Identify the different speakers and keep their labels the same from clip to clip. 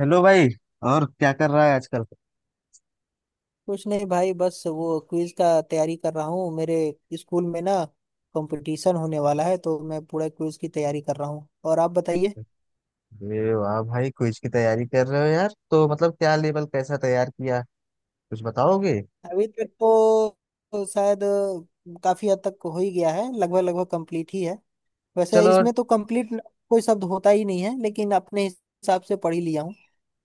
Speaker 1: Hello भाई। और क्या कर रहा है आजकल।
Speaker 2: कुछ नहीं भाई, बस वो क्विज का तैयारी कर रहा हूँ। मेरे स्कूल में ना कंपटीशन होने वाला है, तो मैं पूरा क्विज की तैयारी कर रहा हूँ। और आप बताइए।
Speaker 1: अरे वाह भाई, क्विज की तैयारी कर रहे हो यार। तो मतलब क्या लेवल कैसा तैयार किया, कुछ बताओगे।
Speaker 2: अभी तक तो शायद काफी हद तक हो ही गया है। लगभग लगभग कंप्लीट ही है। वैसे
Speaker 1: चलो,
Speaker 2: इसमें तो कंप्लीट कोई शब्द होता ही नहीं है, लेकिन अपने हिसाब से पढ़ ही लिया हूँ।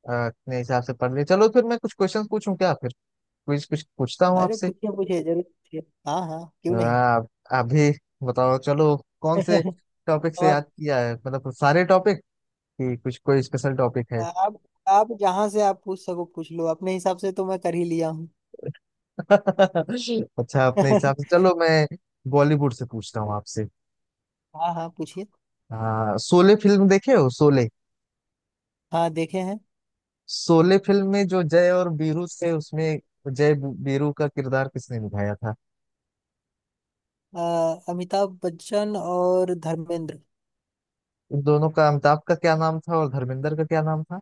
Speaker 1: अपने हिसाब से पढ़ लिए। चलो फिर मैं कुछ क्वेश्चन पूछूं क्या फिर, क्विज कुछ पूछता हूँ
Speaker 2: अरे
Speaker 1: आपसे।
Speaker 2: पूछिए, पूछिए, जरूर पूछिए। हाँ हाँ, क्यों नहीं।
Speaker 1: आप आप भी बताओ। चलो, कौन से टॉपिक से
Speaker 2: और
Speaker 1: याद किया है, मतलब सारे टॉपिक कि कुछ कोई स्पेशल टॉपिक है।
Speaker 2: आप आप जहाँ से आप पूछ सको पूछ लो। अपने हिसाब से तो मैं कर ही लिया हूँ।
Speaker 1: अच्छा, अपने हिसाब से चलो मैं बॉलीवुड से पूछता हूँ आपसे।
Speaker 2: हाँ हाँ, पूछिए।
Speaker 1: शोले फिल्म देखे हो, शोले।
Speaker 2: हाँ, देखे हैं।
Speaker 1: शोले फिल्म में जो जय और वीरू थे, उसमें जय वीरू का किरदार किसने निभाया था।
Speaker 2: अमिताभ बच्चन और धर्मेंद्र।
Speaker 1: इन दोनों का, अमिताभ का क्या नाम था और धर्मेंद्र का क्या नाम था,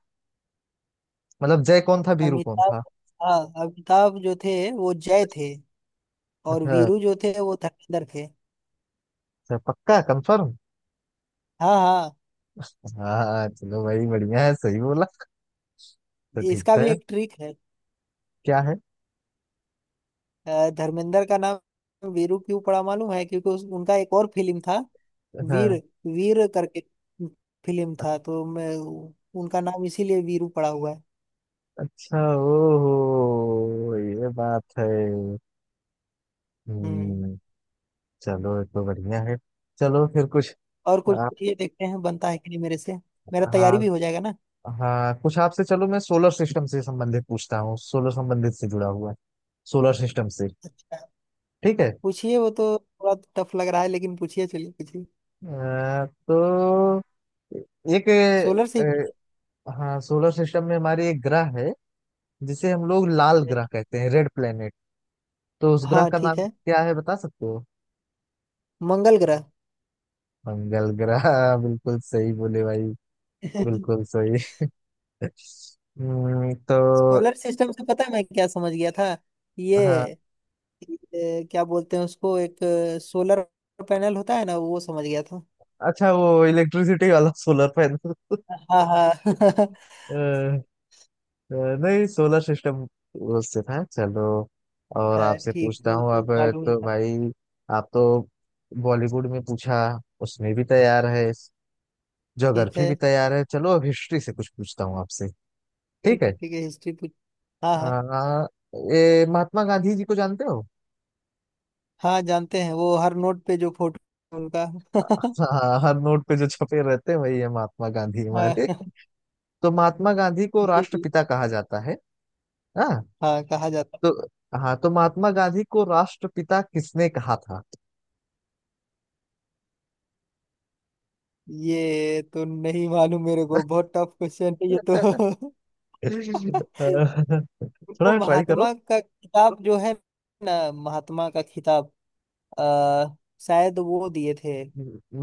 Speaker 1: मतलब जय कौन था वीरू कौन
Speaker 2: अमिताभ।
Speaker 1: था।
Speaker 2: हाँ, अमिताभ जो थे वो जय थे, और
Speaker 1: अच्छा।
Speaker 2: वीरू जो थे वो धर्मेंद्र थे।
Speaker 1: अच्छा, पक्का कंफर्म।
Speaker 2: हाँ हाँ,
Speaker 1: हाँ, चलो भाई, बढ़िया है, सही बोला, तो ठीक
Speaker 2: इसका
Speaker 1: था।
Speaker 2: भी एक ट्रिक है।
Speaker 1: क्या है।
Speaker 2: धर्मेंद्र का नाम वीरू क्यों पड़ा मालूम है? क्योंकि उनका एक और फिल्म था, वीर।
Speaker 1: हाँ,
Speaker 2: वीर करके फिल्म था, तो मैं उनका नाम इसीलिए वीरू पड़ा हुआ है।
Speaker 1: अच्छा, ओहो ये बात है।
Speaker 2: हम्म।
Speaker 1: हम्म। चलो ये तो बढ़िया है। चलो फिर कुछ
Speaker 2: और कुछ
Speaker 1: आप।
Speaker 2: ये देखते हैं बनता है कि नहीं मेरे से। मेरा तैयारी
Speaker 1: हाँ,
Speaker 2: भी हो जाएगा ना।
Speaker 1: हाँ, कुछ आपसे, चलो मैं सोलर सिस्टम से संबंधित पूछता हूँ, सोलर संबंधित से जुड़ा हुआ है, सोलर सिस्टम से।
Speaker 2: अच्छा,
Speaker 1: ठीक है।
Speaker 2: पूछिए। वो तो थोड़ा टफ लग रहा है, लेकिन पूछिए, चलिए पूछिए।
Speaker 1: तो एक,
Speaker 2: सोलर से ही पूछिए।
Speaker 1: अ, हाँ, सोलर सिस्टम में हमारे एक ग्रह है जिसे हम लोग लाल ग्रह कहते हैं, रेड प्लेनेट। तो उस ग्रह
Speaker 2: हाँ
Speaker 1: का
Speaker 2: ठीक
Speaker 1: नाम
Speaker 2: है।
Speaker 1: क्या है, बता सकते हो।
Speaker 2: मंगल ग्रह।
Speaker 1: मंगल ग्रह। बिल्कुल सही बोले भाई, बिल्कुल सही। तो
Speaker 2: सोलर सिस्टम से पता है मैं क्या समझ गया था? ये
Speaker 1: हाँ।
Speaker 2: ये क्या बोलते हैं उसको, एक सोलर पैनल होता है ना, वो समझ गया था।
Speaker 1: अच्छा, वो इलेक्ट्रिसिटी वाला सोलर पैनल।
Speaker 2: हाँ हाँ।
Speaker 1: नहीं, सोलर सिस्टम उससे था। चलो और
Speaker 2: हाँ,
Speaker 1: आपसे
Speaker 2: ठीक,
Speaker 1: पूछता
Speaker 2: वो
Speaker 1: हूँ
Speaker 2: तो
Speaker 1: अब।
Speaker 2: मालूम ही
Speaker 1: तो
Speaker 2: था।
Speaker 1: भाई, आप तो बॉलीवुड में पूछा, उसमें भी तैयार है,
Speaker 2: ठीक
Speaker 1: ज्योग्राफी
Speaker 2: है।
Speaker 1: भी तैयार है। चलो अब हिस्ट्री से कुछ पूछता हूँ आपसे। ठीक
Speaker 2: ठीक है,
Speaker 1: है।
Speaker 2: ठीक है, हिस्ट्री पूछ। हाँ हाँ।
Speaker 1: आ, ये महात्मा गांधी जी को जानते हो।
Speaker 2: हाँ, जानते हैं, वो हर नोट पे जो फोटो उनका।
Speaker 1: हाँ, हर नोट पे जो छपे रहते हैं वही है महात्मा गांधी हमारे।
Speaker 2: हाँ,
Speaker 1: तो महात्मा गांधी को
Speaker 2: जी जी।
Speaker 1: राष्ट्रपिता कहा जाता है। हाँ।
Speaker 2: हाँ, कहा जाता है।
Speaker 1: तो हाँ, तो महात्मा गांधी को राष्ट्रपिता किसने कहा
Speaker 2: ये तो नहीं मालूम मेरे को, बहुत टफ क्वेश्चन है ये तो।
Speaker 1: था। थोड़ा
Speaker 2: उनको
Speaker 1: ट्राई करो।
Speaker 2: महात्मा का खिताब जो है। ना, महात्मा का खिताब अ, शायद वो दिए थे।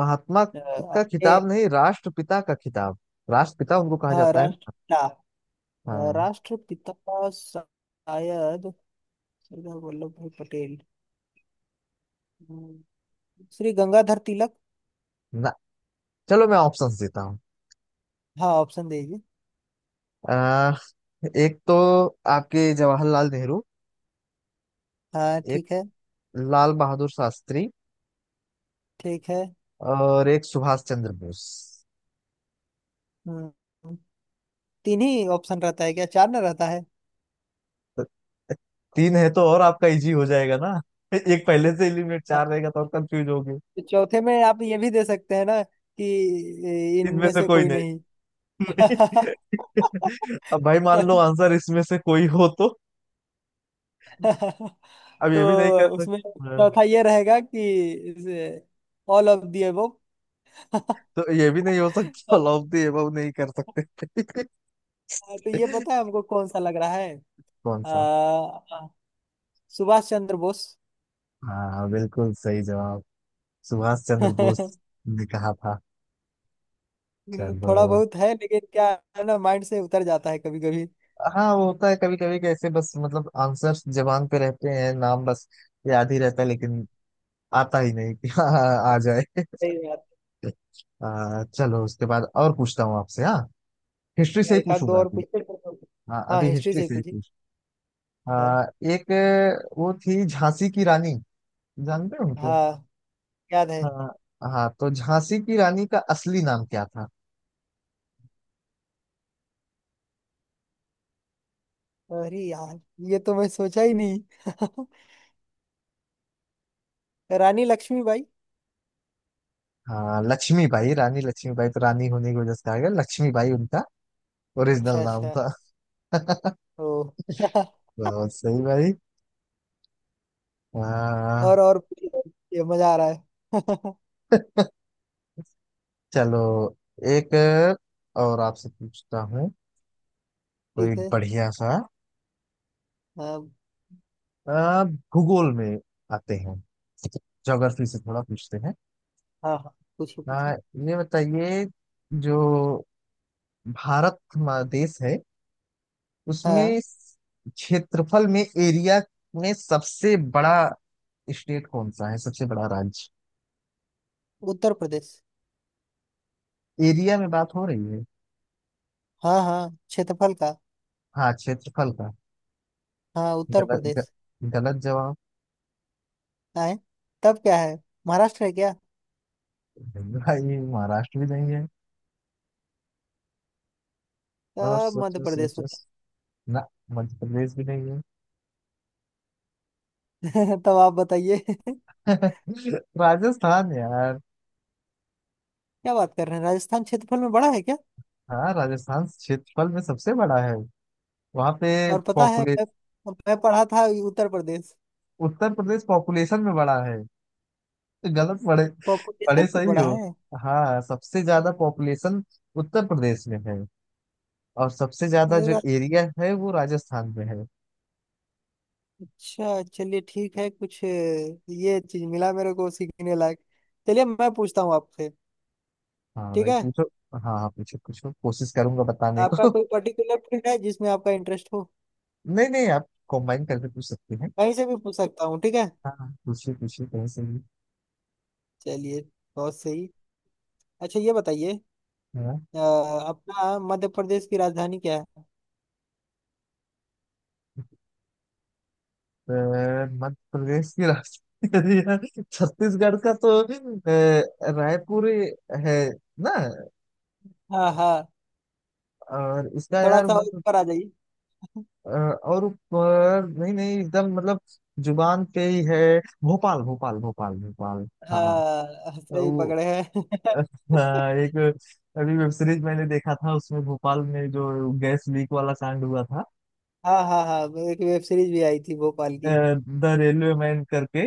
Speaker 1: महात्मा
Speaker 2: अ,
Speaker 1: का
Speaker 2: अपने।
Speaker 1: खिताब नहीं, राष्ट्रपिता का खिताब, राष्ट्रपिता उनको कहा
Speaker 2: हाँ,
Speaker 1: जाता है ना।
Speaker 2: राष्ट्रपिता।
Speaker 1: हाँ।
Speaker 2: राष्ट्रपिता का शायद सरदार वल्लभ भाई पटेल, हम्म, श्री गंगाधर तिलक।
Speaker 1: ना, चलो मैं ऑप्शंस देता हूँ।
Speaker 2: हाँ, ऑप्शन दे दीजिए।
Speaker 1: एक तो आपके जवाहरलाल नेहरू,
Speaker 2: हाँ
Speaker 1: एक
Speaker 2: ठीक है।
Speaker 1: लाल बहादुर शास्त्री,
Speaker 2: ठीक है।
Speaker 1: और एक सुभाष चंद्र बोस।
Speaker 2: हम्म, तीन ही ऑप्शन रहता है क्या, चार ना रहता है?
Speaker 1: तो तीन है तो और आपका इजी हो जाएगा ना। एक पहले से एलिमिनेट, चार रहेगा तो और कंफ्यूज होगे।
Speaker 2: तो चौथे में आप ये भी दे सकते हैं ना कि
Speaker 1: इनमें
Speaker 2: इनमें
Speaker 1: से
Speaker 2: से
Speaker 1: कोई
Speaker 2: कोई नहीं।
Speaker 1: नहीं। अब भाई मान लो आंसर इसमें से कोई हो तो, अब
Speaker 2: तो
Speaker 1: ये भी नहीं कर
Speaker 2: उसमें
Speaker 1: सकते हाँ।
Speaker 2: चौथा ये रहेगा कि ऑल ऑफ दी अबव।
Speaker 1: तो ये भी नहीं हो सकता। ऑल ऑफ द अबव नहीं कर सकते।
Speaker 2: तो ये पता है हमको कौन सा लग रहा है।
Speaker 1: कौन सा।
Speaker 2: आ, सुभाष चंद्र बोस।
Speaker 1: हाँ, बिल्कुल सही जवाब, सुभाष चंद्र बोस ने कहा था। चलो।
Speaker 2: थोड़ा बहुत है, लेकिन क्या है ना, माइंड से उतर जाता है कभी कभी।
Speaker 1: हाँ, वो होता है कभी कभी, कैसे बस मतलब आंसर्स जबान पे रहते हैं, नाम बस याद ही रहता है लेकिन आता ही नहीं कि हाँ, हाँ, आ जाए।
Speaker 2: सही बात
Speaker 1: चलो उसके बाद और पूछता हूँ आपसे। हाँ, हिस्ट्री से
Speaker 2: है।
Speaker 1: ही
Speaker 2: एक आध दो
Speaker 1: पूछूंगा
Speaker 2: और
Speaker 1: अभी।
Speaker 2: पूछते हैं।
Speaker 1: हाँ,
Speaker 2: हाँ,
Speaker 1: अभी
Speaker 2: हिस्ट्री
Speaker 1: हिस्ट्री
Speaker 2: से ही
Speaker 1: से ही
Speaker 2: पूछिए।
Speaker 1: पूछ।
Speaker 2: हाँ
Speaker 1: आ, एक, वो थी झांसी की रानी, जानते हो उनको।
Speaker 2: हाँ, याद है।
Speaker 1: हाँ। हाँ तो झांसी की रानी का असली नाम क्या था।
Speaker 2: अरे यार, ये तो मैं सोचा ही नहीं। रानी लक्ष्मीबाई।
Speaker 1: हाँ, लक्ष्मीबाई, रानी लक्ष्मीबाई, तो रानी होने की वजह से आ गया, लक्ष्मीबाई उनका
Speaker 2: अच्छा
Speaker 1: ओरिजिनल नाम
Speaker 2: अच्छा।
Speaker 1: था।
Speaker 2: ओ।
Speaker 1: बहुत सही भाई। हाँ
Speaker 2: और पूछिए, ये मजा आ रहा है।
Speaker 1: चलो, एक और आपसे पूछता हूँ, कोई
Speaker 2: ठीक है।
Speaker 1: बढ़िया सा।
Speaker 2: हाँ
Speaker 1: आ, भूगोल में आते हैं, ज्योग्राफी से थोड़ा पूछते हैं।
Speaker 2: हाँ हाँ, पूछिए
Speaker 1: आ,
Speaker 2: पूछिए।
Speaker 1: ये बताइए, जो भारत हमारा देश है
Speaker 2: हाँ,
Speaker 1: उसमें क्षेत्रफल में, एरिया में सबसे बड़ा स्टेट कौन सा है, सबसे बड़ा राज्य।
Speaker 2: उत्तर प्रदेश।
Speaker 1: एरिया में बात हो रही है।
Speaker 2: हाँ हाँ, क्षेत्रफल का।
Speaker 1: हाँ, क्षेत्रफल का।
Speaker 2: हाँ, उत्तर
Speaker 1: गलत ग,
Speaker 2: प्रदेश।
Speaker 1: गलत जवाब।
Speaker 2: आए, तब क्या है? महाराष्ट्र है क्या?
Speaker 1: नहीं भाई, महाराष्ट्र भी नहीं है। और
Speaker 2: तब मध्य
Speaker 1: सोचो
Speaker 2: प्रदेश
Speaker 1: सोचो।
Speaker 2: होता
Speaker 1: ना, मध्य प्रदेश भी नहीं है।
Speaker 2: है। तब आप बताइए।
Speaker 1: राजस्थान यार।
Speaker 2: क्या बात कर रहे हैं, राजस्थान क्षेत्रफल में बड़ा है क्या?
Speaker 1: हाँ, राजस्थान क्षेत्रफल में सबसे बड़ा है। वहां पे
Speaker 2: और पता है मैं,
Speaker 1: पॉपुलेशन,
Speaker 2: मैं पढ़ा था उत्तर प्रदेश
Speaker 1: उत्तर प्रदेश पॉपुलेशन में बड़ा है तो गलत पड़े, बड़े
Speaker 2: पॉपुलेशन में
Speaker 1: सही
Speaker 2: बड़ा
Speaker 1: हो। हाँ, सबसे ज्यादा पॉपुलेशन उत्तर प्रदेश में है, और सबसे ज्यादा जो
Speaker 2: है।
Speaker 1: एरिया है वो राजस्थान में है।
Speaker 2: अच्छा, चलिए ठीक है। कुछ ये चीज मिला मेरे को सीखने लायक। चलिए, मैं पूछता हूँ आपसे।
Speaker 1: हाँ
Speaker 2: ठीक
Speaker 1: भाई
Speaker 2: है।
Speaker 1: पूछो। हाँ, हाँ पूछो पूछो, कोशिश करूंगा बताने
Speaker 2: आपका
Speaker 1: को।
Speaker 2: कोई पर्टिकुलर फील्ड है जिसमें आपका इंटरेस्ट हो?
Speaker 1: नहीं नहीं, आप कंबाइन करके पूछ सकते हैं।
Speaker 2: कहीं से भी पूछ सकता हूँ? ठीक है।
Speaker 1: हाँ हाँ, पूछिए पूछिए कहीं से भी।
Speaker 2: चलिए, बहुत सही। अच्छा, ये बताइए,
Speaker 1: हाँ।
Speaker 2: अ, अपना मध्य प्रदेश की राजधानी क्या है?
Speaker 1: तो मध्य प्रदेश की राजधानी यार, छत्तीसगढ़ का तो रायपुर है ना।
Speaker 2: हाँ हाँ।
Speaker 1: और इसका
Speaker 2: थोड़ा
Speaker 1: यार
Speaker 2: सा और
Speaker 1: मध्य,
Speaker 2: ऊपर आ जाइए।
Speaker 1: और ऊपर नहीं नहीं, एकदम मतलब जुबान पे ही है, भोपाल भोपाल भोपाल भोपाल। हाँ।
Speaker 2: हाँ, सही
Speaker 1: वो,
Speaker 2: पकड़े हैं।
Speaker 1: अ, हाँ, एक अभी वेब सीरीज मैंने देखा था, उसमें भोपाल में जो गैस लीक वाला कांड हुआ था,
Speaker 2: हाँ हाँ हाँ। एक वेब सीरीज भी आई थी भोपाल की।
Speaker 1: द रेलवे मैन करके,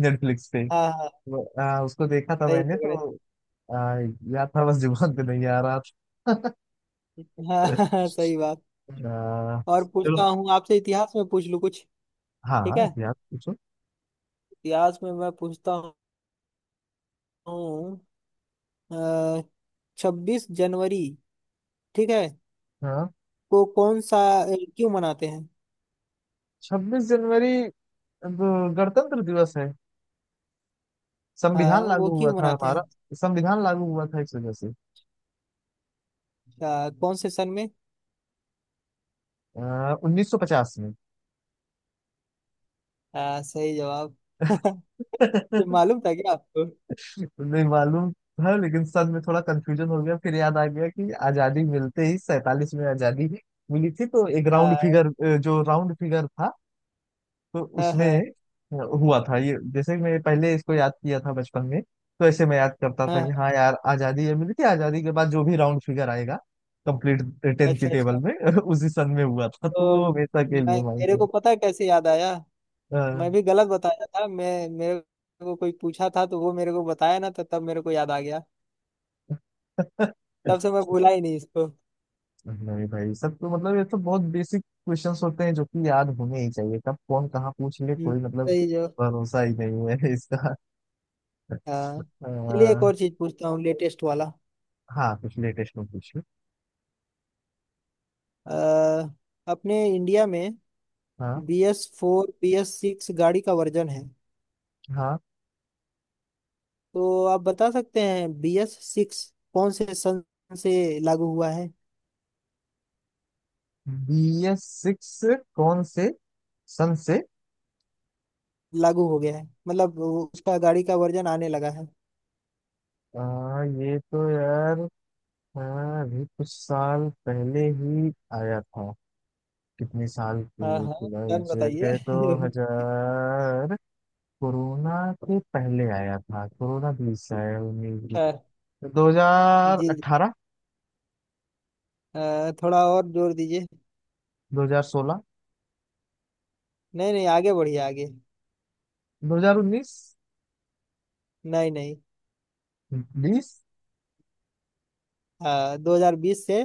Speaker 1: नेटफ्लिक्स पे।
Speaker 2: हाँ हाँ,
Speaker 1: वो, उसको देखा था
Speaker 2: सही
Speaker 1: मैंने
Speaker 2: पकड़े।
Speaker 1: तो। अ, याद था, बस जुबान पे नहीं आ रहा था।
Speaker 2: हाँ। हाँ, सही बात।
Speaker 1: अ,
Speaker 2: और पूछता
Speaker 1: चलो।
Speaker 2: हूँ आपसे, इतिहास में पूछ लूँ कुछ? ठीक
Speaker 1: हाँ,
Speaker 2: है।
Speaker 1: याद पूछो।
Speaker 2: इतिहास में मैं पूछता हूँ। 26 जनवरी, ठीक है,
Speaker 1: हाँ।
Speaker 2: को कौन सा अ, क्यों मनाते हैं?
Speaker 1: 26 जनवरी, अब गणतंत्र दिवस है,
Speaker 2: हाँ,
Speaker 1: संविधान
Speaker 2: वो
Speaker 1: लागू हुआ
Speaker 2: क्यों
Speaker 1: था
Speaker 2: मनाते
Speaker 1: हमारा।
Speaker 2: हैं?
Speaker 1: संविधान लागू हुआ था इस वजह से।
Speaker 2: कौन से सन में?
Speaker 1: 1950 में।
Speaker 2: हाँ, सही जवाब। ये मालूम था क्या आपको?
Speaker 1: नहीं मालूम था, लेकिन सन में थोड़ा कंफ्यूजन हो गया, फिर याद आ गया कि आजादी मिलते ही 47 में आजादी मिली थी, तो एक राउंड फिगर,
Speaker 2: हाँ
Speaker 1: जो राउंड फिगर था तो
Speaker 2: हाँ
Speaker 1: उसमें
Speaker 2: हाँ
Speaker 1: हुआ था ये। जैसे मैं पहले इसको याद किया था बचपन में तो ऐसे मैं याद करता था कि
Speaker 2: हाँ।
Speaker 1: हाँ यार, आजादी ये मिली थी, आजादी के बाद जो भी राउंड फिगर आएगा, कंप्लीट 10 की
Speaker 2: अच्छा
Speaker 1: टेबल
Speaker 2: अच्छा।
Speaker 1: में उसी सन में हुआ था, तो वो
Speaker 2: तो
Speaker 1: हमेशा के
Speaker 2: मैं
Speaker 1: लिए
Speaker 2: मेरे को
Speaker 1: माइंड।
Speaker 2: पता है कैसे याद आया। मैं
Speaker 1: हाँ।
Speaker 2: भी गलत बताया था, मैं मेरे को कोई पूछा था तो वो मेरे को बताया ना, तो तब मेरे को याद आ गया। तब से मैं भूला ही नहीं इसको।
Speaker 1: नहीं भाई, सब तो मतलब ये तो बहुत बेसिक क्वेश्चंस होते हैं जो कि याद होने ही चाहिए, कब कौन कहाँ पूछ ले कोई, मतलब
Speaker 2: सही जो।
Speaker 1: भरोसा ही नहीं है इसका।
Speaker 2: हाँ चलिए, एक
Speaker 1: अह,
Speaker 2: और चीज पूछता हूँ लेटेस्ट वाला।
Speaker 1: हाँ, कुछ लेटेस्ट में पूछिए।
Speaker 2: अ, अपने इंडिया में
Speaker 1: हाँ।
Speaker 2: B S four, B S six गाड़ी का वर्जन है।
Speaker 1: हाँ।
Speaker 2: तो आप बता सकते हैं बी एस सिक्स कौन से सन से लागू हुआ है?
Speaker 1: BS6 कौन से सन से।
Speaker 2: लागू हो गया है, मतलब उसका गाड़ी का वर्जन आने लगा है।
Speaker 1: ये तो यार, हाँ, अभी कुछ साल पहले ही आया था। कितने साल
Speaker 2: हाँ
Speaker 1: की
Speaker 2: हाँ सर,
Speaker 1: एग्जैक्ट
Speaker 2: बताइए।
Speaker 1: है तो, हजार, कोरोना के पहले आया था, कोरोना 20 है, 19।
Speaker 2: हाँ
Speaker 1: दो हजार
Speaker 2: जी जी।
Speaker 1: अठारह
Speaker 2: थोड़ा और जोर दीजिए।
Speaker 1: 2016।
Speaker 2: नहीं नहीं, आगे बढ़िए, आगे।
Speaker 1: 2019।
Speaker 2: नहीं नहीं।
Speaker 1: 20।
Speaker 2: हाँ, 2020 से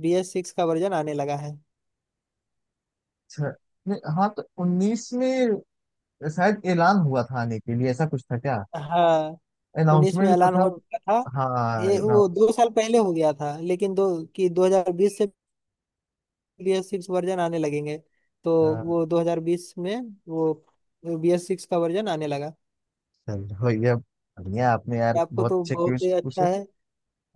Speaker 2: बी एस सिक्स का वर्जन आने लगा है।
Speaker 1: छ नहीं, हाँ तो 19 में शायद ऐलान हुआ था, आने के लिए ऐसा कुछ था क्या,
Speaker 2: हाँ, पुलिस में
Speaker 1: अनाउंसमेंट जो
Speaker 2: ऐलान
Speaker 1: था।
Speaker 2: हो चुका था,
Speaker 1: हाँ।
Speaker 2: ये वो
Speaker 1: अनाउंस।
Speaker 2: 2 साल पहले हो गया था लेकिन दो, कि 2020 से बीएस सिक्स वर्जन आने लगेंगे। तो वो 2020 में वो बीएस सिक्स का वर्जन आने लगा।
Speaker 1: चल हो गया, बढ़िया। आपने यार
Speaker 2: आपको
Speaker 1: बहुत
Speaker 2: तो
Speaker 1: अच्छे
Speaker 2: बहुत ही
Speaker 1: क्वेश्चन पूछे।
Speaker 2: अच्छा है।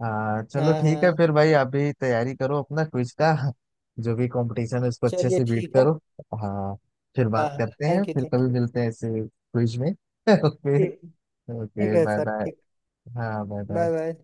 Speaker 1: हाँ चलो
Speaker 2: हाँ
Speaker 1: ठीक है,
Speaker 2: हाँ,
Speaker 1: फिर भाई अभी तैयारी करो अपना क्विज का, जो भी कंपटीशन है उसको अच्छे
Speaker 2: चलिए
Speaker 1: से बीट
Speaker 2: ठीक है।
Speaker 1: करो। हाँ, फिर
Speaker 2: हाँ
Speaker 1: बात
Speaker 2: हाँ।
Speaker 1: करते हैं,
Speaker 2: थैंक यू
Speaker 1: फिर
Speaker 2: थैंक
Speaker 1: कभी
Speaker 2: यू,
Speaker 1: मिलते हैं ऐसे क्विज में। ओके।
Speaker 2: ठीक। ठीक
Speaker 1: ओके,
Speaker 2: है
Speaker 1: बाय
Speaker 2: सर,
Speaker 1: बाय।
Speaker 2: ठीक।
Speaker 1: हाँ, बाय
Speaker 2: बाय
Speaker 1: बाय।
Speaker 2: बाय।